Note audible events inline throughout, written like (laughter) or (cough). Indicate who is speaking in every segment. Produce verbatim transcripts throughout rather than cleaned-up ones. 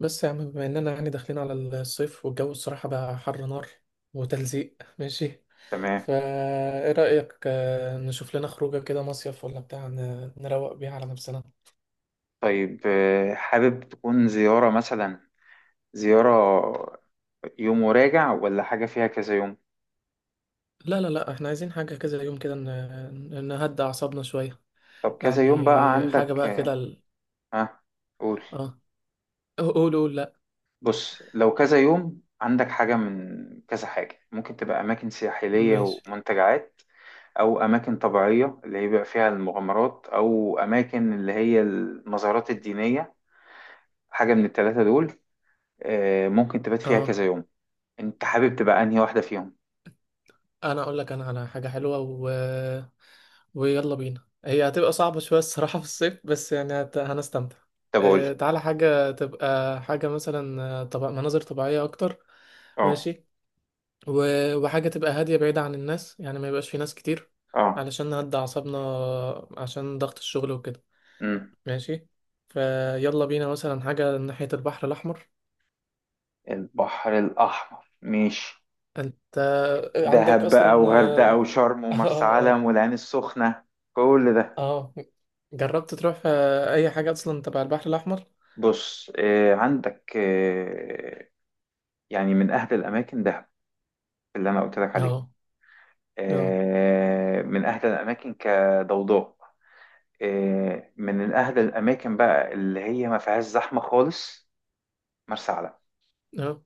Speaker 1: بس يا عم، بما اننا يعني داخلين على الصيف، والجو الصراحة بقى حر نار وتلزيق. (laughs) ماشي.
Speaker 2: تمام.
Speaker 1: فا، ايه رأيك، آه، نشوف لنا خروجة كده مصيف ولا بتاع ن- نروق بيها على نفسنا؟
Speaker 2: طيب، آه، حابب تكون زيارة، مثلا زيارة يوم وراجع، ولا حاجة فيها كذا يوم؟
Speaker 1: لا لا لا، احنا عايزين حاجة كده يوم كده ن- نهدى اعصابنا شوية.
Speaker 2: طب، كذا يوم بقى
Speaker 1: يعني حاجة
Speaker 2: عندك.
Speaker 1: بقى
Speaker 2: آه،
Speaker 1: كده ال...
Speaker 2: ها، قول.
Speaker 1: اه، قول قول. لا.
Speaker 2: بص، لو كذا يوم عندك حاجة من كذا حاجة، ممكن تبقى أماكن ساحلية
Speaker 1: ماشي.
Speaker 2: ومنتجعات، أو أماكن طبيعية اللي هي بيبقى فيها المغامرات، أو أماكن اللي هي المزارات الدينية. حاجة من التلاتة دول. آه، ممكن تبات فيها
Speaker 1: اه،
Speaker 2: كذا يوم. أنت حابب تبقى أنهي واحدة فيهم؟
Speaker 1: انا اقول لك، انا على حاجة حلوة. ويلا بينا. هي هتبقى صعبة شوية الصراحة في الصيف، بس يعني هت- هنستمتع.
Speaker 2: طب قول.
Speaker 1: آه، تعالى حاجة تبقى، حاجة مثلا، آه، طب مناظر طبيعية أكتر.
Speaker 2: اه،
Speaker 1: ماشي. و- وحاجة تبقى هادية بعيدة عن الناس، يعني ما يبقاش في ناس كتير،
Speaker 2: اه.
Speaker 1: علشان نهدى أعصابنا، عشان ضغط الشغل وكده.
Speaker 2: مم.
Speaker 1: ماشي. فيلا بينا مثلا حاجة ناحية البحر الأحمر.
Speaker 2: البحر الأحمر، ماشي.
Speaker 1: أنت عندك
Speaker 2: دهب بقى،
Speaker 1: أصلا.
Speaker 2: وغردقة،
Speaker 1: آه
Speaker 2: وشرم،
Speaker 1: (laughs)
Speaker 2: ومرسى
Speaker 1: آه، آه،
Speaker 2: علم، والعين السخنة، كل ده.
Speaker 1: آه. جربت تروح آه، أي حاجة أصلا تبع البحر الأحمر؟
Speaker 2: بص، آه عندك، آه يعني من أهل الأماكن دهب، اللي أنا قلت لك عليهم.
Speaker 1: اه، اه،
Speaker 2: آه من أهل الأماكن كضوضاء. آه من أهل الأماكن بقى اللي هي ما فيهاش زحمة خالص، مرسى علم.
Speaker 1: اه.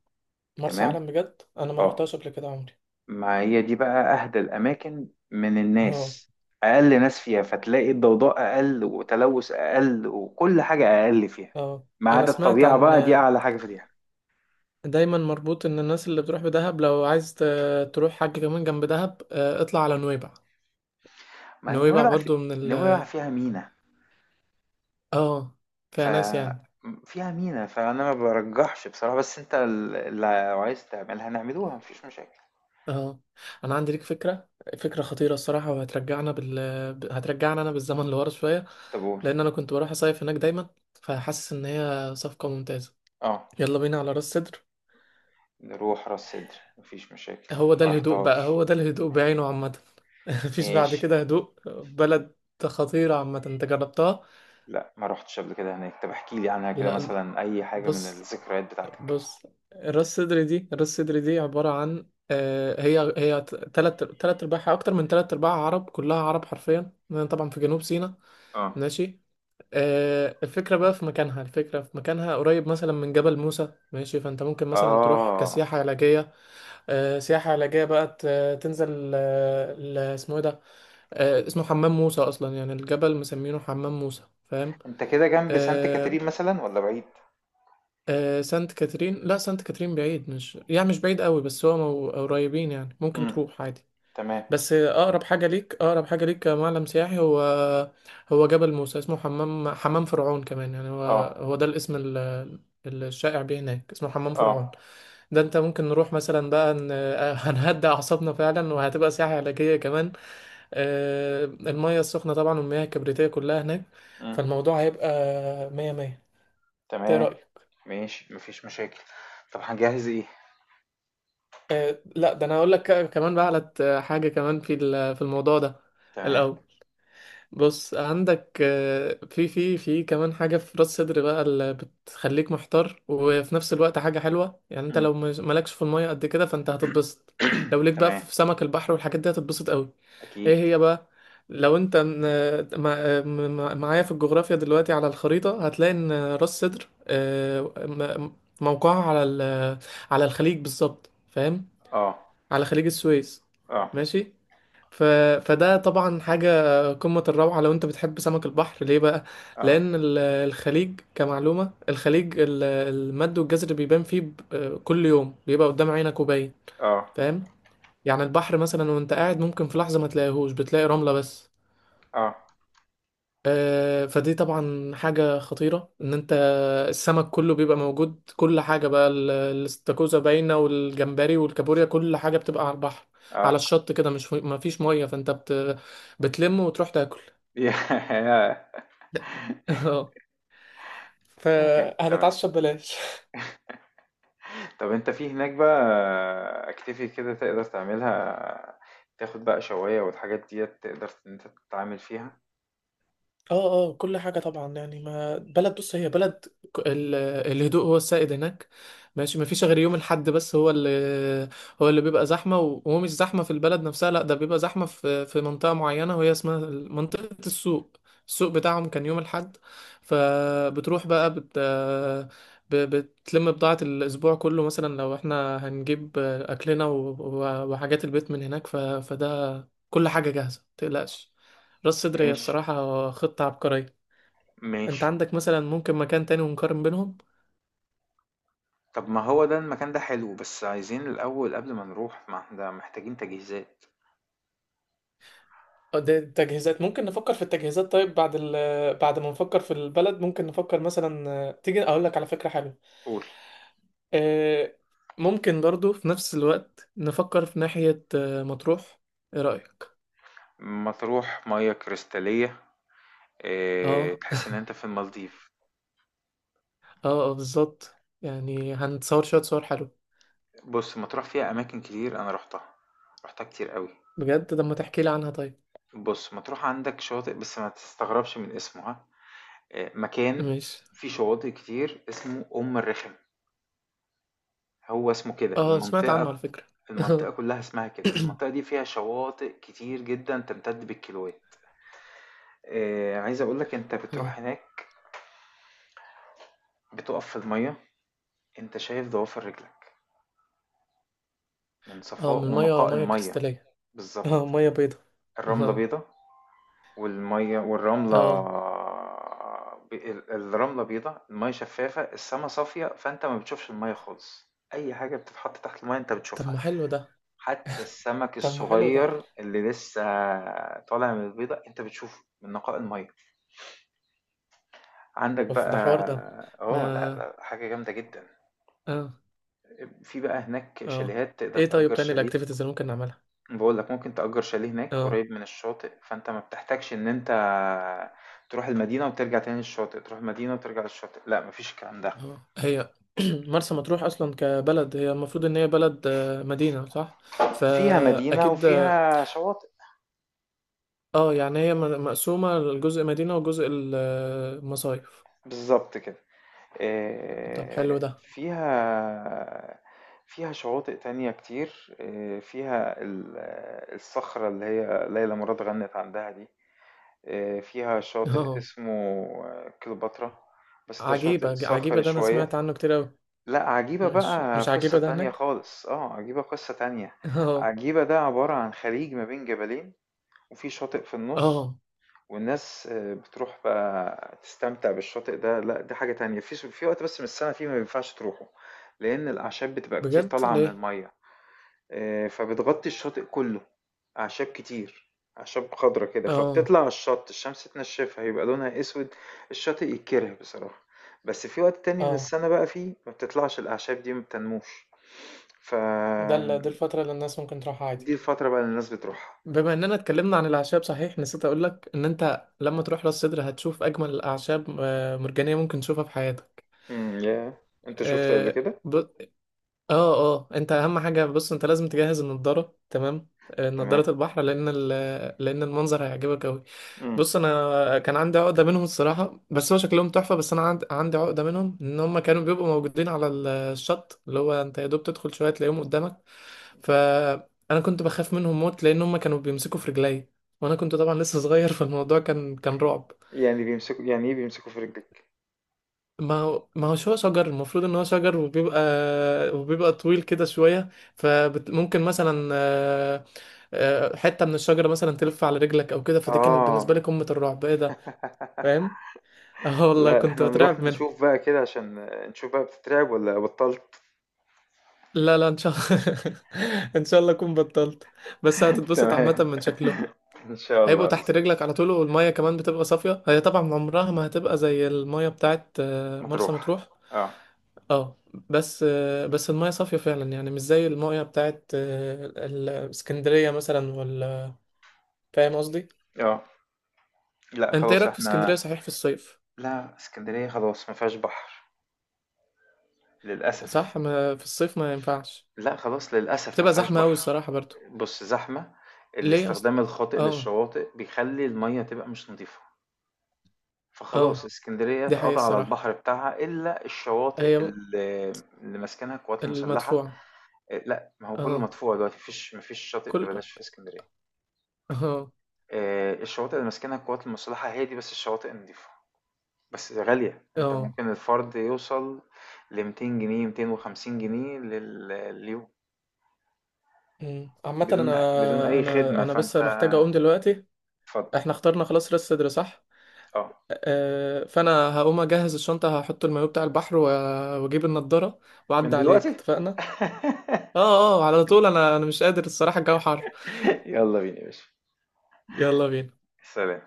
Speaker 1: مرسى
Speaker 2: تمام.
Speaker 1: علم بجد، انا ما
Speaker 2: اه.
Speaker 1: رحتهاش قبل كده عمري.
Speaker 2: ما هي دي بقى أهدى الأماكن من
Speaker 1: اه،
Speaker 2: الناس، أقل ناس فيها، فتلاقي الضوضاء أقل، وتلوث أقل، وكل حاجة أقل فيها،
Speaker 1: اه،
Speaker 2: ما
Speaker 1: انا
Speaker 2: عدا
Speaker 1: سمعت
Speaker 2: الطبيعة
Speaker 1: عن.
Speaker 2: بقى، دي أعلى حاجة فيها.
Speaker 1: دايما مربوط ان الناس اللي بتروح بدهب، لو عايز ت- تروح حاجة كمان جنب دهب، آه، اطلع على نويبع.
Speaker 2: ما هي
Speaker 1: نويبع
Speaker 2: نويبع في...
Speaker 1: برضو من ال
Speaker 2: نويبع فيها مينا.
Speaker 1: اه،
Speaker 2: ف
Speaker 1: فيها ناس يعني.
Speaker 2: فيها مينا، فأنا ما برجحش بصراحة، بس أنت ال- اللي عايز تعملها نعملوها، مفيش مشاكل.
Speaker 1: اه، انا عندي ليك فكرة. فكرة خطيرة الصراحة، وهترجعنا بال ب- هترجعنا انا بالزمن لورا شوية،
Speaker 2: طب قول.
Speaker 1: لان انا كنت بروح اصيف هناك دايما. فحاسس ان هي صفقة ممتازة.
Speaker 2: أه.
Speaker 1: يلا بينا على راس سدر.
Speaker 2: نروح راس سدر، مفيش مشاكل.
Speaker 1: هو ده
Speaker 2: ما
Speaker 1: الهدوء بقى،
Speaker 2: رحتهاش،
Speaker 1: هو ده الهدوء بعينه عامة. (laughs) مفيش بعد
Speaker 2: ماشي.
Speaker 1: كده هدوء. بلد خطيرة عامة، انت جربتها؟
Speaker 2: لا، ما رحتش قبل كده هناك. طب احكي لي عنها كده،
Speaker 1: لا.
Speaker 2: مثلا أي حاجة من
Speaker 1: بص،
Speaker 2: الذكريات بتاعتك.
Speaker 1: بص. راس صدري دي، راس صدري دي عبارة عن آه، هي، هي تلات تلات أرباعها، أكتر من تلات أرباعها عرب، كلها عرب حرفيا، لأن طبعا في جنوب سيناء.
Speaker 2: آه.
Speaker 1: ماشي. آه، الفكرة بقى في مكانها، الفكرة في مكانها، قريب مثلا من جبل موسى. ماشي. فأنت ممكن مثلا تروح
Speaker 2: آه،
Speaker 1: كسياحة علاجية، آه، سياحة علاجية بقى. ت- تنزل، آه، ل- اسمه ايه ده؟ آه، اسمه حمام موسى اصلا، يعني الجبل مسمينه حمام موسى، فاهم؟
Speaker 2: أنت كده جنب سانت
Speaker 1: آه.
Speaker 2: كاترين مثلًا والّا بعيد؟
Speaker 1: آه، سانت كاترين. لا، سانت كاترين بعيد، مش، يعني مش بعيد قوي، بس هو مو- قريبين، يعني ممكن
Speaker 2: إمم.
Speaker 1: تروح عادي.
Speaker 2: تمام.
Speaker 1: بس آه، اقرب حاجه ليك، اقرب حاجه ليك كمعلم سياحي، هو هو جبل موسى. اسمه حمام، حمام فرعون كمان، يعني هو،
Speaker 2: آه.
Speaker 1: هو ده الاسم ال- الشائع بيه هناك، اسمه حمام
Speaker 2: آه.
Speaker 1: فرعون. ده انت ممكن نروح مثلا بقى، ن- (laughs) هنهدى اعصابنا فعلا، وهتبقى سياحه علاجيه كمان. آه، المية السخنة طبعا، والمياه الكبريتية كلها هناك.
Speaker 2: إمم.
Speaker 1: فالموضوع هيبقى مية مية. ايه
Speaker 2: تمام.
Speaker 1: رأيك؟
Speaker 2: ماشي. ما فيش مشاكل. طب هنجهّز إيه؟
Speaker 1: آه، لا، ده انا هقول لك كمان بقى على ت- حاجة كمان في ال- في الموضوع ده.
Speaker 2: تمام.
Speaker 1: الأول بص، عندك آه، في، في في كمان حاجة في راس صدر بقى، اللي بتخليك محتار، وفي نفس الوقت حاجة حلوة. يعني انت
Speaker 2: إمم.
Speaker 1: لو مش- مالكش في المية قد كده، فانت هتتبسط. لو
Speaker 2: (clears throat)
Speaker 1: ليك بقى
Speaker 2: تمام.
Speaker 1: في سمك البحر والحاجات دي، هتتبسط قوي.
Speaker 2: أكيد.
Speaker 1: ايه هي بقى؟ لو انت آه، مع- آه، مع- معايا في الجغرافيا دلوقتي على الخريطة، هتلاقي ان راس صدر، آه، م- موقعها على ال- على الخليج بالظبط، فاهم؟
Speaker 2: آه.
Speaker 1: على خليج السويس.
Speaker 2: آه.
Speaker 1: ماشي. ف... فده طبعا حاجة قمة الروعة، لو انت بتحب سمك البحر. ليه بقى؟
Speaker 2: آه.
Speaker 1: لأن ال- الخليج كمعلومة، الخليج، ال- المد والجزر بيبان فيه ب- كل يوم، بيبقى قدام عينك وباين،
Speaker 2: آه.
Speaker 1: فاهم؟ يعني البحر مثلا وانت قاعد، ممكن في لحظة ما تلاقيهوش، بتلاقي رملة بس.
Speaker 2: آه.
Speaker 1: آه، فدي طبعا حاجة خطيرة، ان انت، السمك كله بيبقى موجود، كل حاجة بقى، ال- الاستاكوزا باينة، والجمبري والكابوريا، كل حاجة بتبقى على البحر، على
Speaker 2: آه.
Speaker 1: الشط كده، مش مفيش مية، فانت بت... بتلم وتروح تاكل.
Speaker 2: (laughs) ياه!
Speaker 1: اه،
Speaker 2: تمام، تمام.
Speaker 1: فهنتعشى ببلاش. (laughs) (laughs)
Speaker 2: طب أنت في هناك بقى activity كده تقدر تعملها، تاخد بقى شواية والحاجات ديّة تقدر إن أنت تتعامل فيها؟
Speaker 1: اه، اه، كل حاجة طبعا. يعني ما بلد، بص، هي بلد، ك- ال- الهدوء هو السائد هناك. ماشي. ما فيش غير يوم الحد بس، هو اللي هو اللي بيبقى زحمة، و- وهو مش زحمة في البلد نفسها، لا، ده بيبقى زحمة في في منطقة معينة، وهي اسمها منطقة السوق. السوق بتاعهم كان يوم الحد. فبتروح بقى، بت ب- بتلم بضاعة الأسبوع كله مثلا، لو احنا هنجيب أكلنا و- و- وحاجات البيت من هناك. ف... فده كل حاجة جاهزة، متقلقش. راس صدر هي
Speaker 2: ماشي،
Speaker 1: الصراحة خطة عبقرية.
Speaker 2: ماشي.
Speaker 1: انت عندك مثلا ممكن مكان تاني ونقارن بينهم؟
Speaker 2: طب، ما هو ده المكان ده حلو، بس عايزين الأول قبل ما نروح، ما احنا محتاجين تجهيزات.
Speaker 1: اه، ده التجهيزات ممكن نفكر في التجهيزات. طيب، بعد ال بعد ما نفكر في البلد، ممكن نفكر مثلا، اه، تيجي اقول لك على فكرة حلوة.
Speaker 2: قول.
Speaker 1: اه، ممكن برضو في نفس الوقت نفكر في ناحية، اه، مطروح. ايه رأيك؟
Speaker 2: مطروح مياه كريستالية. اه،
Speaker 1: اه،
Speaker 2: تحس إن أنت في المالديف.
Speaker 1: اه، اه، بالظبط. يعني هنتصور شوية صور حلوة.
Speaker 2: بص، مطروح فيها أماكن كتير، أنا روحتها، روحتها كتير قوي.
Speaker 1: بجد؟ لما تحكي لي عنها طيب.
Speaker 2: بص، مطروح عندك شواطئ، بس ما تستغربش من اسمها. اه، مكان
Speaker 1: ماشي.
Speaker 2: فيه شواطئ كتير اسمه أم الرخم. هو اسمه كده
Speaker 1: اه، سمعت عنه على
Speaker 2: المنطقة،
Speaker 1: فكرة.
Speaker 2: المنطقة
Speaker 1: (laughs)
Speaker 2: كلها اسمها كده، المنطقة دي فيها شواطئ كتير جدا، تمتد بالكيلوات. آه، عايز اقولك انت
Speaker 1: اه،
Speaker 2: بتروح هناك، بتقف في المية، انت شايف ضوافر رجلك من
Speaker 1: اه. من
Speaker 2: صفاء
Speaker 1: المية،
Speaker 2: ونقاء
Speaker 1: مية
Speaker 2: المية.
Speaker 1: كريستالية. اه،
Speaker 2: بالظبط.
Speaker 1: ميه بيضة.
Speaker 2: الرملة
Speaker 1: اه،
Speaker 2: بيضة. والمية والرملة،
Speaker 1: اه.
Speaker 2: بي- ال- الرملة بيضة، المية شفافة، السما صافية، فانت ما بتشوفش المية خالص. اي حاجة بتتحط تحت المية انت
Speaker 1: طب
Speaker 2: بتشوفها،
Speaker 1: ما حلو ده،
Speaker 2: حتى السمك
Speaker 1: طب ما حلو ده.
Speaker 2: الصغير اللي لسه طالع من البيضة انت بتشوفه من نقاء المية. عندك
Speaker 1: اوف،
Speaker 2: بقى.
Speaker 1: ده حوار ده.
Speaker 2: اه، لا
Speaker 1: ما.
Speaker 2: لا، حاجة جامدة جدا.
Speaker 1: اه،
Speaker 2: في بقى هناك
Speaker 1: اه.
Speaker 2: شاليهات، تقدر
Speaker 1: ايه طيب
Speaker 2: تأجر
Speaker 1: تاني،
Speaker 2: شاليه.
Speaker 1: الاكتيفيتيز اللي ممكن نعملها؟
Speaker 2: بقول لك، ممكن تأجر شاليه هناك
Speaker 1: اه،
Speaker 2: قريب من الشاطئ، فانت ما بتحتاجش ان انت تروح المدينة وترجع تاني للشاطئ، تروح المدينة وترجع للشاطئ، لا، مفيش الكلام ده.
Speaker 1: اه. هي (clears throat) مرسى مطروح اصلا كبلد، هي المفروض ان هي بلد، آه، مدينة، صح؟
Speaker 2: فيها مدينة
Speaker 1: فاكيد. اه.
Speaker 2: وفيها شواطئ.
Speaker 1: آه، يعني هي م- مقسومة لجزء مدينة وجزء المصايف.
Speaker 2: بالظبط كده.
Speaker 1: طب حلو
Speaker 2: آه،
Speaker 1: ده.
Speaker 2: فيها فيها شواطئ تانية كتير. آه، فيها ال- الصخرة اللي هي ليلى مراد غنت عندها دي. آه، فيها شاطئ
Speaker 1: اه،
Speaker 2: اسمه آه، كليوباترا، بس ده شاطئ
Speaker 1: عجيبة، ج- عجيبة
Speaker 2: صخري
Speaker 1: ده انا سمعت
Speaker 2: شوية.
Speaker 1: عنه كتير اوي.
Speaker 2: لأ، عجيبة
Speaker 1: مش،
Speaker 2: بقى
Speaker 1: مش
Speaker 2: قصة
Speaker 1: عجيبة ده
Speaker 2: تانية
Speaker 1: هناك.
Speaker 2: خالص، آه، عجيبة قصة تانية.
Speaker 1: اه،
Speaker 2: عجيبة ده عبارة عن خليج ما بين جبلين، وفي شاطئ في النُص،
Speaker 1: اه.
Speaker 2: والناس آه، بتروح بقى تستمتع بالشاطئ ده، لأ، دي حاجة تانية. في س في وقت بس من السنة فيه ما ينفعش تروحه، لإن الأعشاب بتبقى كتير
Speaker 1: بجد؟
Speaker 2: طالعة من
Speaker 1: ليه؟
Speaker 2: المَيّة. آه، فبتغطي الشاطئ كله، أعشاب كتير، أعشاب خضرة كده،
Speaker 1: اه،
Speaker 2: فبتطلع على الشط، الشمس تنشفها يبقى لونها أسود. الشاطئ يتكره بصراحة. بس في وقت تاني من
Speaker 1: اه.
Speaker 2: السنة بقى، فيه ما بتطلعش الأعشاب دي، ما بتنموش.
Speaker 1: ده ال- دي
Speaker 2: فدي
Speaker 1: الفترة اللي الناس ممكن تروحها عادي.
Speaker 2: الفترة بقى اللي الناس بتروحها.
Speaker 1: بما اننا اتكلمنا عن الاعشاب، صحيح، نسيت اقولك، ان انت لما تروح راس سدر، هتشوف اجمل الاعشاب، آه، مرجانيه، ممكن تشوفها في حياتك.
Speaker 2: امم يا انت شفت قبل
Speaker 1: اه.
Speaker 2: كده؟
Speaker 1: ب... اه، اه. انت اهم حاجه، بص، انت لازم تجهز النضاره، تمام؟ آه،
Speaker 2: تمام.
Speaker 1: نضاره البحر، لان ال... لان المنظر هيعجبك قوي.
Speaker 2: امم
Speaker 1: بص، انا كان عندي عقده منهم الصراحه، بس هو شكلهم تحفه، بس انا عند- عندي عقده منهم، ان هم كانوا بيبقوا موجودين على ال- الشط، اللي هو انت يا دوب تدخل شويه، تلاقيهم قدامك. فانا كنت بخاف منهم موت، لان هم كانوا بيمسكوا في رجلي. وانا كنت طبعا لسه صغير. (laughs) فالموضوع كان كان رعب.
Speaker 2: يعني بيمسكوا، يعني ايه بيمسكوا في رجلك؟
Speaker 1: ما هو، ما هوش هو شجر، المفروض ان هو شجر، وبيبقى وبيبقى طويل كده شويه. فممكن مثلا، آه، آه، حته من الشجره مثلا تلف على رجلك او كده، فدي كانت بالنسبه
Speaker 2: اه،
Speaker 1: لي قمه الرعب، ايه ده! فاهم؟ اه والله،
Speaker 2: لا،
Speaker 1: كنت
Speaker 2: احنا نروح
Speaker 1: بترعب منهم.
Speaker 2: نشوف بقى كده عشان نشوف بقى، بتترعب ولا بطلت؟
Speaker 1: لا، لا، ان شاء الله. (laughs) ان شاء الله اكون بطلت. بس
Speaker 2: (laughs)
Speaker 1: هتتبسط عامه
Speaker 2: تمام،
Speaker 1: من شكله.
Speaker 2: ان شاء
Speaker 1: هيبقوا
Speaker 2: الله.
Speaker 1: تحت رجلك على طول، والميه كمان بتبقى صافيه. هي طبعا عمرها ما هتبقى زي الميه بتاعت آه، مرسى
Speaker 2: مطروح.
Speaker 1: مطروح.
Speaker 2: اه،
Speaker 1: اه. بس آه، بس الميه صافيه فعلا، يعني مش زي الميه بتاعت آه، ال- اسكندريه مثلا، ولا، فاهم قصدي؟
Speaker 2: اه. لا
Speaker 1: انت ايه
Speaker 2: خلاص
Speaker 1: رايك في اسكندريه
Speaker 2: احنا.
Speaker 1: صحيح، في الصيف؟
Speaker 2: لا، اسكندرية خلاص ما فيهاش بحر، للأسف.
Speaker 1: صح، ما في الصيف ما ينفعش.
Speaker 2: لا، خلاص، للأسف ما
Speaker 1: بتبقى
Speaker 2: فيهاش
Speaker 1: زحمه قوي
Speaker 2: بحر.
Speaker 1: الصراحه برضو.
Speaker 2: بص، زحمة.
Speaker 1: ليه اصلا؟
Speaker 2: الاستخدام الخاطئ
Speaker 1: اه،
Speaker 2: للشواطئ بيخلي المية تبقى مش نظيفة،
Speaker 1: اه،
Speaker 2: فخلاص اسكندرية
Speaker 1: دي حقيقة
Speaker 2: اتقضى على
Speaker 1: الصراحة.
Speaker 2: البحر بتاعها، إلا الشواطئ
Speaker 1: هي
Speaker 2: اللي, اللي ماسكنها القوات المسلحة.
Speaker 1: المدفوعة.
Speaker 2: إيه، لا، ما هو كله
Speaker 1: اه،
Speaker 2: مدفوع دلوقتي، مفيش مفيش شاطئ
Speaker 1: كل،
Speaker 2: ببلاش في اسكندرية.
Speaker 1: اه،
Speaker 2: إيه، الشواطئ اللي ماسكنها القوات المسلحة هي دي بس الشواطئ النظيفة، بس غالية. أنت
Speaker 1: اه.
Speaker 2: ممكن الفرد يوصل لميتين جنيه، ميتين وخمسين جنيه لل- لليوم،
Speaker 1: مم. عامة،
Speaker 2: بدون بدون
Speaker 1: انا
Speaker 2: أي
Speaker 1: انا
Speaker 2: خدمة،
Speaker 1: انا بس
Speaker 2: فأنت.
Speaker 1: محتاج اقوم دلوقتي.
Speaker 2: اتفضل.
Speaker 1: احنا اخترنا خلاص، راس صدر، صح؟
Speaker 2: اه،
Speaker 1: آه فانا هقوم اجهز الشنطة، هحط المايو بتاع البحر و- واجيب النضارة،
Speaker 2: من
Speaker 1: واعدي عليك،
Speaker 2: دلوقتي.
Speaker 1: اتفقنا؟
Speaker 2: (laughs)
Speaker 1: اه، اه، على طول. انا انا مش قادر الصراحة، الجو حر.
Speaker 2: يلا بينا يا باشا.
Speaker 1: يلا بينا.
Speaker 2: سلام.